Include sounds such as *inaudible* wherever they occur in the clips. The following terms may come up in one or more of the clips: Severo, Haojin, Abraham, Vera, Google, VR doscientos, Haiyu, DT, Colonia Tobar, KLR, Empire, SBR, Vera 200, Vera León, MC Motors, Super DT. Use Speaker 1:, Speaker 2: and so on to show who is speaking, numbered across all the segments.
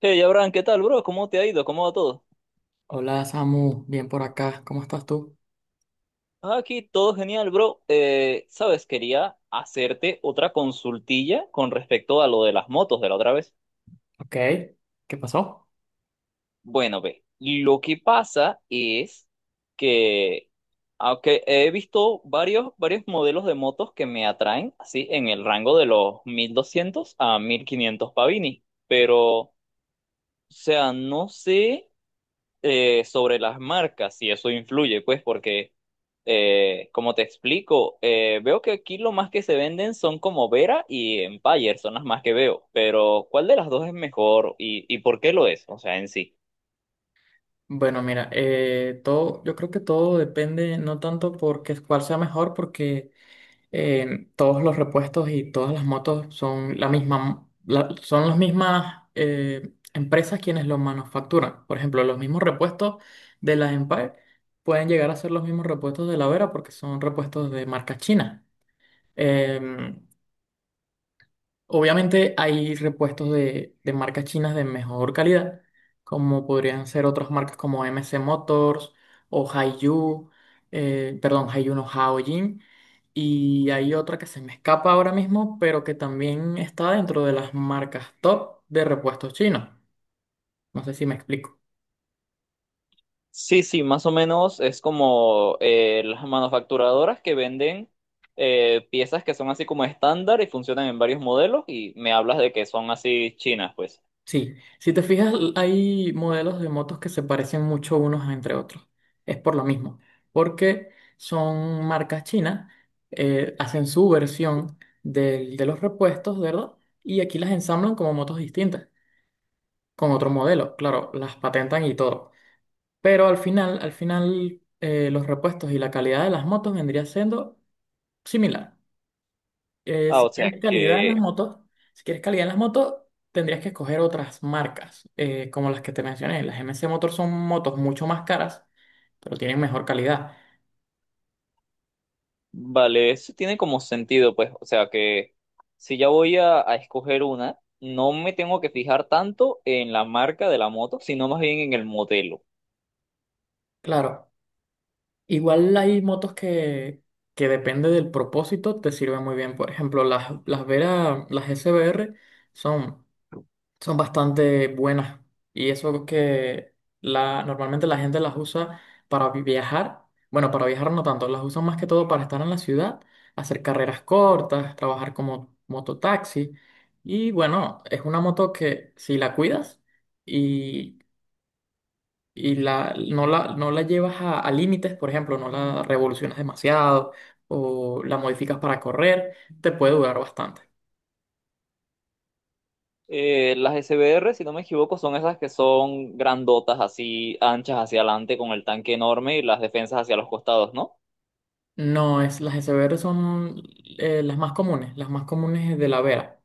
Speaker 1: Hey, Abraham, ¿qué tal, bro? ¿Cómo te ha ido? ¿Cómo va todo?
Speaker 2: Hola Samu, bien por acá, ¿cómo estás tú?
Speaker 1: Ah, aquí todo genial, bro. Sabes, quería hacerte otra consultilla con respecto a lo de las motos de la otra vez.
Speaker 2: Ok, ¿qué pasó?
Speaker 1: Bueno, ve, lo que pasa es que, aunque he visto varios modelos de motos que me atraen, así, en el rango de los 1200 a 1500 pavini, pero, o sea, no sé. Sobre las marcas, si eso influye, pues porque, como te explico, veo que aquí lo más que se venden son como Vera y Empire, son las más que veo, pero ¿cuál de las dos es mejor y, por qué lo es? O sea, en sí.
Speaker 2: Bueno, mira, todo, yo creo que todo depende no tanto porque cuál sea mejor, porque todos los repuestos y todas las motos son la misma, son las mismas empresas quienes los manufacturan. Por ejemplo, los mismos repuestos de la Empire pueden llegar a ser los mismos repuestos de la Vera porque son repuestos de marca china. Em, Obviamente hay repuestos de marcas chinas de mejor calidad, como podrían ser otras marcas como MC Motors o Haiyu, perdón, Haiyu no Haojin. Y hay otra que se me escapa ahora mismo, pero que también está dentro de las marcas top de repuestos chinos. No sé si me explico.
Speaker 1: Sí, sí, más o menos es como las manufacturadoras que venden piezas que son así como estándar y funcionan en varios modelos, y me hablas de que son así chinas, pues.
Speaker 2: Sí, si te fijas, hay modelos de motos que se parecen mucho unos a entre otros. Es por lo mismo, porque son marcas chinas, hacen su versión de los repuestos, ¿verdad? Y aquí las ensamblan como motos distintas, con otro modelo, claro, las patentan y todo. Pero al final, los repuestos y la calidad de las motos vendría siendo similar. Eh,
Speaker 1: Ah,
Speaker 2: si
Speaker 1: o sea
Speaker 2: quieres calidad en las
Speaker 1: que
Speaker 2: motos, si quieres calidad en las motos, tendrías que escoger otras marcas, como las que te mencioné. Las MC Motor son motos mucho más caras, pero tienen mejor calidad.
Speaker 1: vale, eso tiene como sentido, pues, o sea que si ya voy a escoger una, no me tengo que fijar tanto en la marca de la moto, sino más bien en el modelo.
Speaker 2: Claro, igual hay motos que depende del propósito, te sirven muy bien. Por ejemplo, las Vera, las SBR son son bastante buenas, y eso que normalmente la gente las usa para viajar, bueno, para viajar no tanto, las usan más que todo para estar en la ciudad, hacer carreras cortas, trabajar como mototaxi, y bueno, es una moto que si la cuidas y, y no la llevas a límites, por ejemplo, no la revolucionas demasiado o la modificas para correr, te puede durar bastante.
Speaker 1: Las SBR, si no me equivoco, son esas que son grandotas, así anchas hacia adelante, con el tanque enorme y las defensas hacia los costados, ¿no?
Speaker 2: No, las de Severo son las más comunes de la Vera,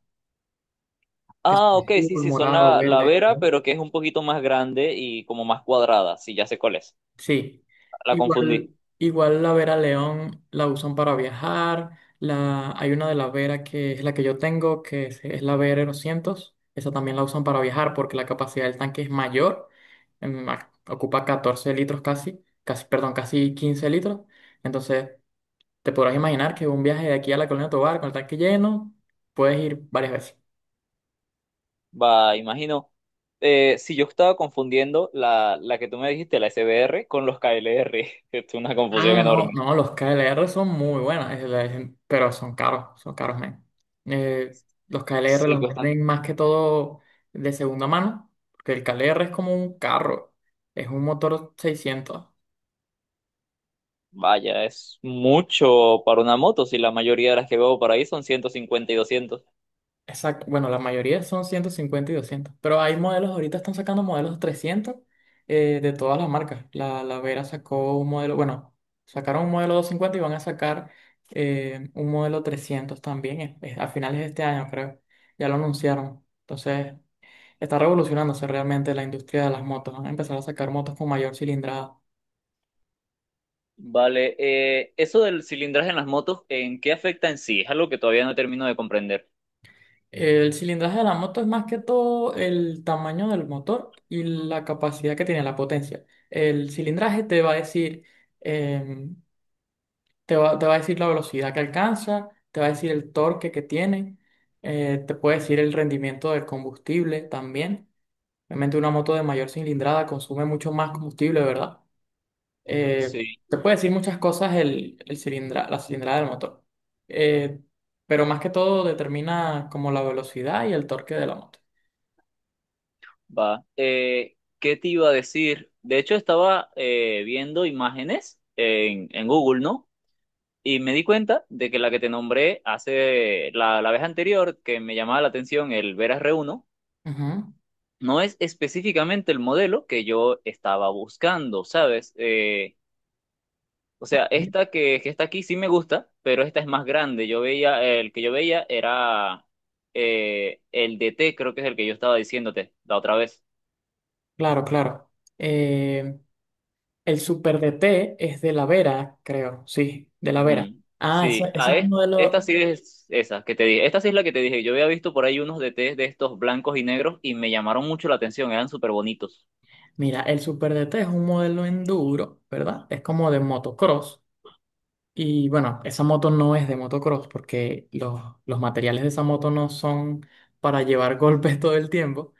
Speaker 2: que son
Speaker 1: Ah, ok, sí,
Speaker 2: azul,
Speaker 1: sí, son
Speaker 2: morado,
Speaker 1: la
Speaker 2: verde.
Speaker 1: Vera, pero que es un poquito más grande y como más cuadrada, sí, ya sé cuál es.
Speaker 2: Sí,
Speaker 1: La confundí.
Speaker 2: igual, igual la Vera León la usan para viajar, hay una de la Vera que es la que yo tengo, que es la Vera 200, esa también la usan para viajar porque la capacidad del tanque es mayor, ocupa 14 litros casi, perdón, casi 15 litros, entonces te podrás imaginar que un viaje de aquí a la Colonia Tobar con el tanque lleno, puedes ir varias veces.
Speaker 1: Va, imagino. Si yo estaba confundiendo la que tú me dijiste, la SBR, con los KLR, *laughs* es una confusión
Speaker 2: Ah, no,
Speaker 1: enorme.
Speaker 2: no, los KLR son muy buenas, pero son caros, men. Los KLR
Speaker 1: Sí,
Speaker 2: los
Speaker 1: cuestan.
Speaker 2: venden más que todo de segunda mano, porque el KLR es como un carro, es un motor 600.
Speaker 1: Vaya, es mucho para una moto, si la mayoría de las que veo por ahí son 150 y 200.
Speaker 2: Exacto. Bueno, la mayoría son 150 y 200, pero hay modelos, ahorita están sacando modelos 300 de todas las marcas. La Vera sacó un modelo, bueno, sacaron un modelo 250, y van a sacar un modelo 300 también, a finales de este año, creo. Ya lo anunciaron. Entonces, está revolucionándose realmente la industria de las motos. Van a empezar a sacar motos con mayor cilindrada.
Speaker 1: Vale, eso del cilindraje en las motos, ¿en qué afecta en sí? Es algo que todavía no termino de comprender.
Speaker 2: El cilindraje de la moto es más que todo el tamaño del motor y la capacidad que tiene, la potencia. El cilindraje te va a decir, em, te va a decir la velocidad que alcanza, te va a decir el torque que tiene, te puede decir el rendimiento del combustible también. Obviamente una moto de mayor cilindrada consume mucho más combustible, ¿verdad? Eh,
Speaker 1: Sí,
Speaker 2: te puede decir muchas cosas la cilindrada del motor, Eh, pero más que todo determina como la velocidad y el torque de la moto.
Speaker 1: va. ¿Qué te iba a decir? De hecho, estaba viendo imágenes en Google, ¿no? Y me di cuenta de que la que te nombré hace la vez anterior, que me llamaba la atención el Vera r uno, no es específicamente el modelo que yo estaba buscando, ¿sabes? O sea,
Speaker 2: Ujú.
Speaker 1: esta que está aquí sí me gusta, pero esta es más grande. Yo veía, el que yo veía era el DT, creo que es el que yo estaba diciéndote la otra vez.
Speaker 2: Claro, claro. Eh, el Super DT es de la Vera, creo, sí, de la Vera.
Speaker 1: Ujú.
Speaker 2: Ah, ese,
Speaker 1: Sí,
Speaker 2: ese
Speaker 1: a
Speaker 2: es un
Speaker 1: es-
Speaker 2: modelo.
Speaker 1: esta sí es esa que te dije. Esta sí es la que te dije. Yo había visto por ahí unos de té de estos blancos y negros y me llamaron mucho la atención. Eran súper bonitos.
Speaker 2: Mira, el Super DT es un modelo enduro, ¿verdad? Es como de motocross. Y bueno, esa moto no es de motocross porque los materiales de esa moto no son para llevar *laughs* golpes todo el tiempo,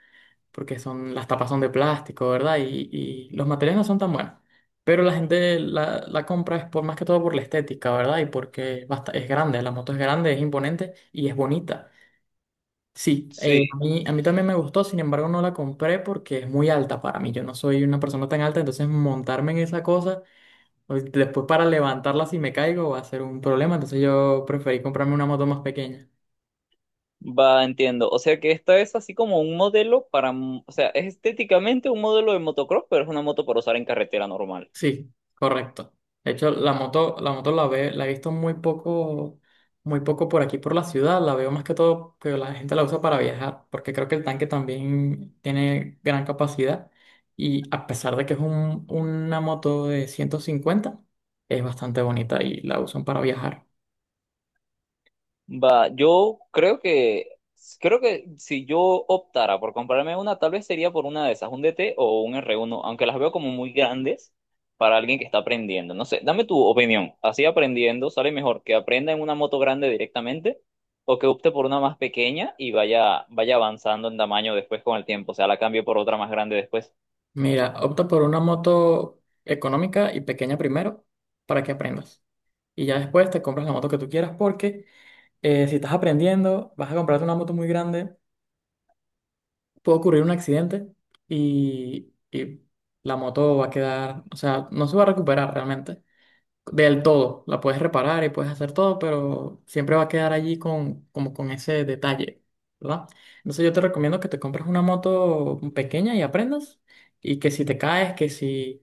Speaker 2: porque las tapas son de plástico, ¿verdad? Y los materiales no son tan buenos. Pero la gente la compra es por más que todo por la estética, ¿verdad? Y porque es grande, la moto es grande, es imponente y es bonita. Sí,
Speaker 1: Sí,
Speaker 2: a mí también me gustó, sin embargo no la compré porque es muy alta para mí. Yo no soy una persona tan alta, entonces montarme en esa cosa, después, para levantarla si me caigo, va a ser un problema, entonces yo preferí comprarme una moto más pequeña.
Speaker 1: va, entiendo. O sea que esta es así como un modelo para, m- o sea, es estéticamente un modelo de motocross, pero es una moto para usar en carretera normal.
Speaker 2: Sí, correcto. De hecho, la moto la he visto muy poco por aquí por la ciudad. La veo más que todo que la gente la usa para viajar, porque creo que el tanque también tiene gran capacidad. Y a pesar de que es una moto de 150, es bastante bonita y la usan para viajar.
Speaker 1: Va, yo creo que si yo optara por comprarme una, tal vez sería por una de esas, un DT o un r uno, aunque las veo como muy grandes para alguien que está aprendiendo. No sé, dame tu opinión. Así aprendiendo, ¿sale mejor que aprenda en una moto grande directamente o que opte por una más pequeña y vaya avanzando en tamaño después con el tiempo? O sea, la cambie por otra más grande después.
Speaker 2: Mira, opta por una moto económica y pequeña primero para que aprendas. Y ya después te compras la moto que tú quieras, porque si estás aprendiendo, vas a comprarte una moto muy grande, puede ocurrir un accidente y la moto va a quedar, o sea, no se va a recuperar realmente del todo. La puedes reparar y puedes hacer todo, pero siempre va a quedar allí como con ese detalle, ¿verdad? Entonces yo te recomiendo que te compres una moto pequeña y aprendas, y que si te caes, que si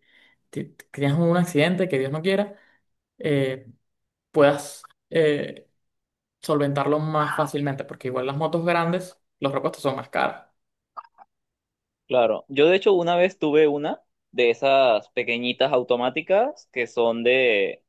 Speaker 2: tienes un accidente, que Dios no quiera, eh, puedas eh, solventarlo más fácilmente, porque igual las motos grandes, los repuestos son más caros.
Speaker 1: Claro, yo de hecho una vez tuve una de esas pequeñitas automáticas que son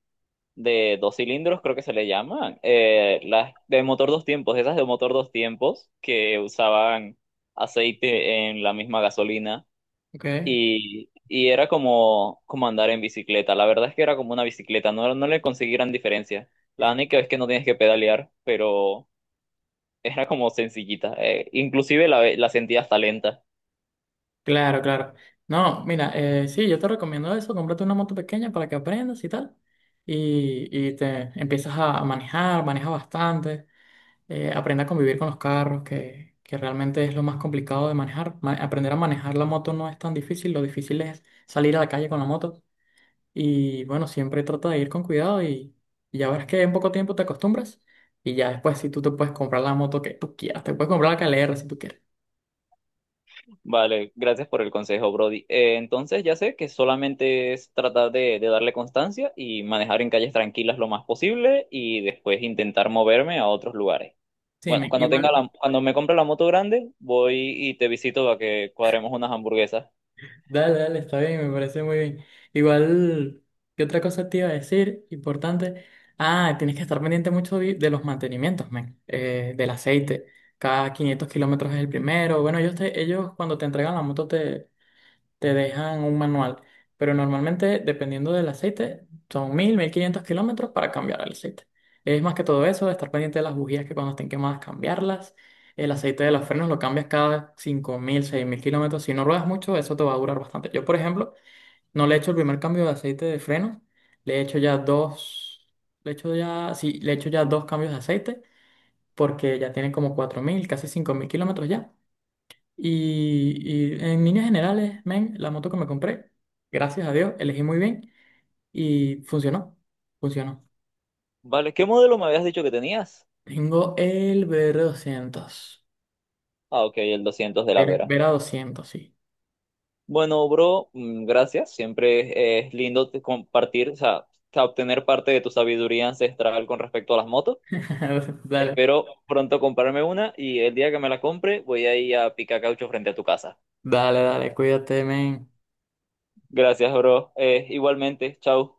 Speaker 1: de dos cilindros, creo que se le llaman, las de motor dos tiempos, esas de motor dos tiempos que usaban aceite en la misma gasolina,
Speaker 2: Ok,
Speaker 1: y era como, como andar en bicicleta, la verdad es que era como una bicicleta, no, no le conseguí gran diferencia, la única es que no tienes que pedalear, pero era como sencillita, inclusive la sentía hasta lenta.
Speaker 2: claro, claro. No, mira, sí, yo te recomiendo eso, cómprate una moto pequeña para que aprendas y tal, y te empiezas a manejar, maneja bastante, aprende a convivir con los carros, que realmente es lo más complicado de manejar. Aprender a manejar la moto no es tan difícil, lo difícil es salir a la calle con la moto. Y bueno, siempre trata de ir con cuidado, y ya verás que en poco tiempo te acostumbras. Y ya después, si tú te puedes comprar la moto que tú quieras, te puedes comprar la KLR si tú quieres.
Speaker 1: Vale, gracias por el consejo, Brody. Entonces ya sé que solamente es tratar de darle constancia y manejar en calles tranquilas lo más posible y después intentar moverme a otros lugares.
Speaker 2: Sí,
Speaker 1: Bueno, cuando tenga
Speaker 2: igual,
Speaker 1: la, cuando me compre la moto grande, voy y te visito para que cuadremos unas hamburguesas.
Speaker 2: dale, dale, está bien, me parece muy bien. Igual, ¿qué otra cosa te iba a decir? Importante. Ah, tienes que estar pendiente mucho de los mantenimientos, men, del aceite. Cada 500 kilómetros es el primero. Bueno, ellos cuando te entregan la moto te dejan un manual, pero normalmente, dependiendo del aceite, son 1.000, 1.500 kilómetros para cambiar el aceite. Es más que todo eso, estar pendiente de las bujías, que cuando estén quemadas cambiarlas. El aceite de los frenos lo cambias cada 5.000, 6.000 kilómetros. Si no ruedas mucho, eso te va a durar bastante. Yo, por ejemplo, no le he hecho el primer cambio de aceite de frenos, le he hecho ya dos, le he hecho ya, sí, le he hecho ya dos cambios de aceite, porque ya tiene como 4.000, casi 5.000 kilómetros ya. Y en líneas generales, men, la moto que me compré, gracias a Dios, elegí muy bien y funcionó. Funcionó.
Speaker 1: Vale, ¿qué modelo me habías dicho que tenías?
Speaker 2: Tengo el VR 200,
Speaker 1: Ah, ok, el 200 de la
Speaker 2: Vera,
Speaker 1: Vera.
Speaker 2: Vera 200, sí.
Speaker 1: Bueno, bro, mm, gracias. Siempre es lindo te- compartir, o sea, obtener parte de tu sabiduría ancestral con respecto a las motos.
Speaker 2: *laughs* Dale,
Speaker 1: Espero pronto comprarme una y el día que me la compre voy a ir a picar caucho frente a tu casa.
Speaker 2: dale, dale, cuídate, men.
Speaker 1: Gracias, bro. Igualmente, chao.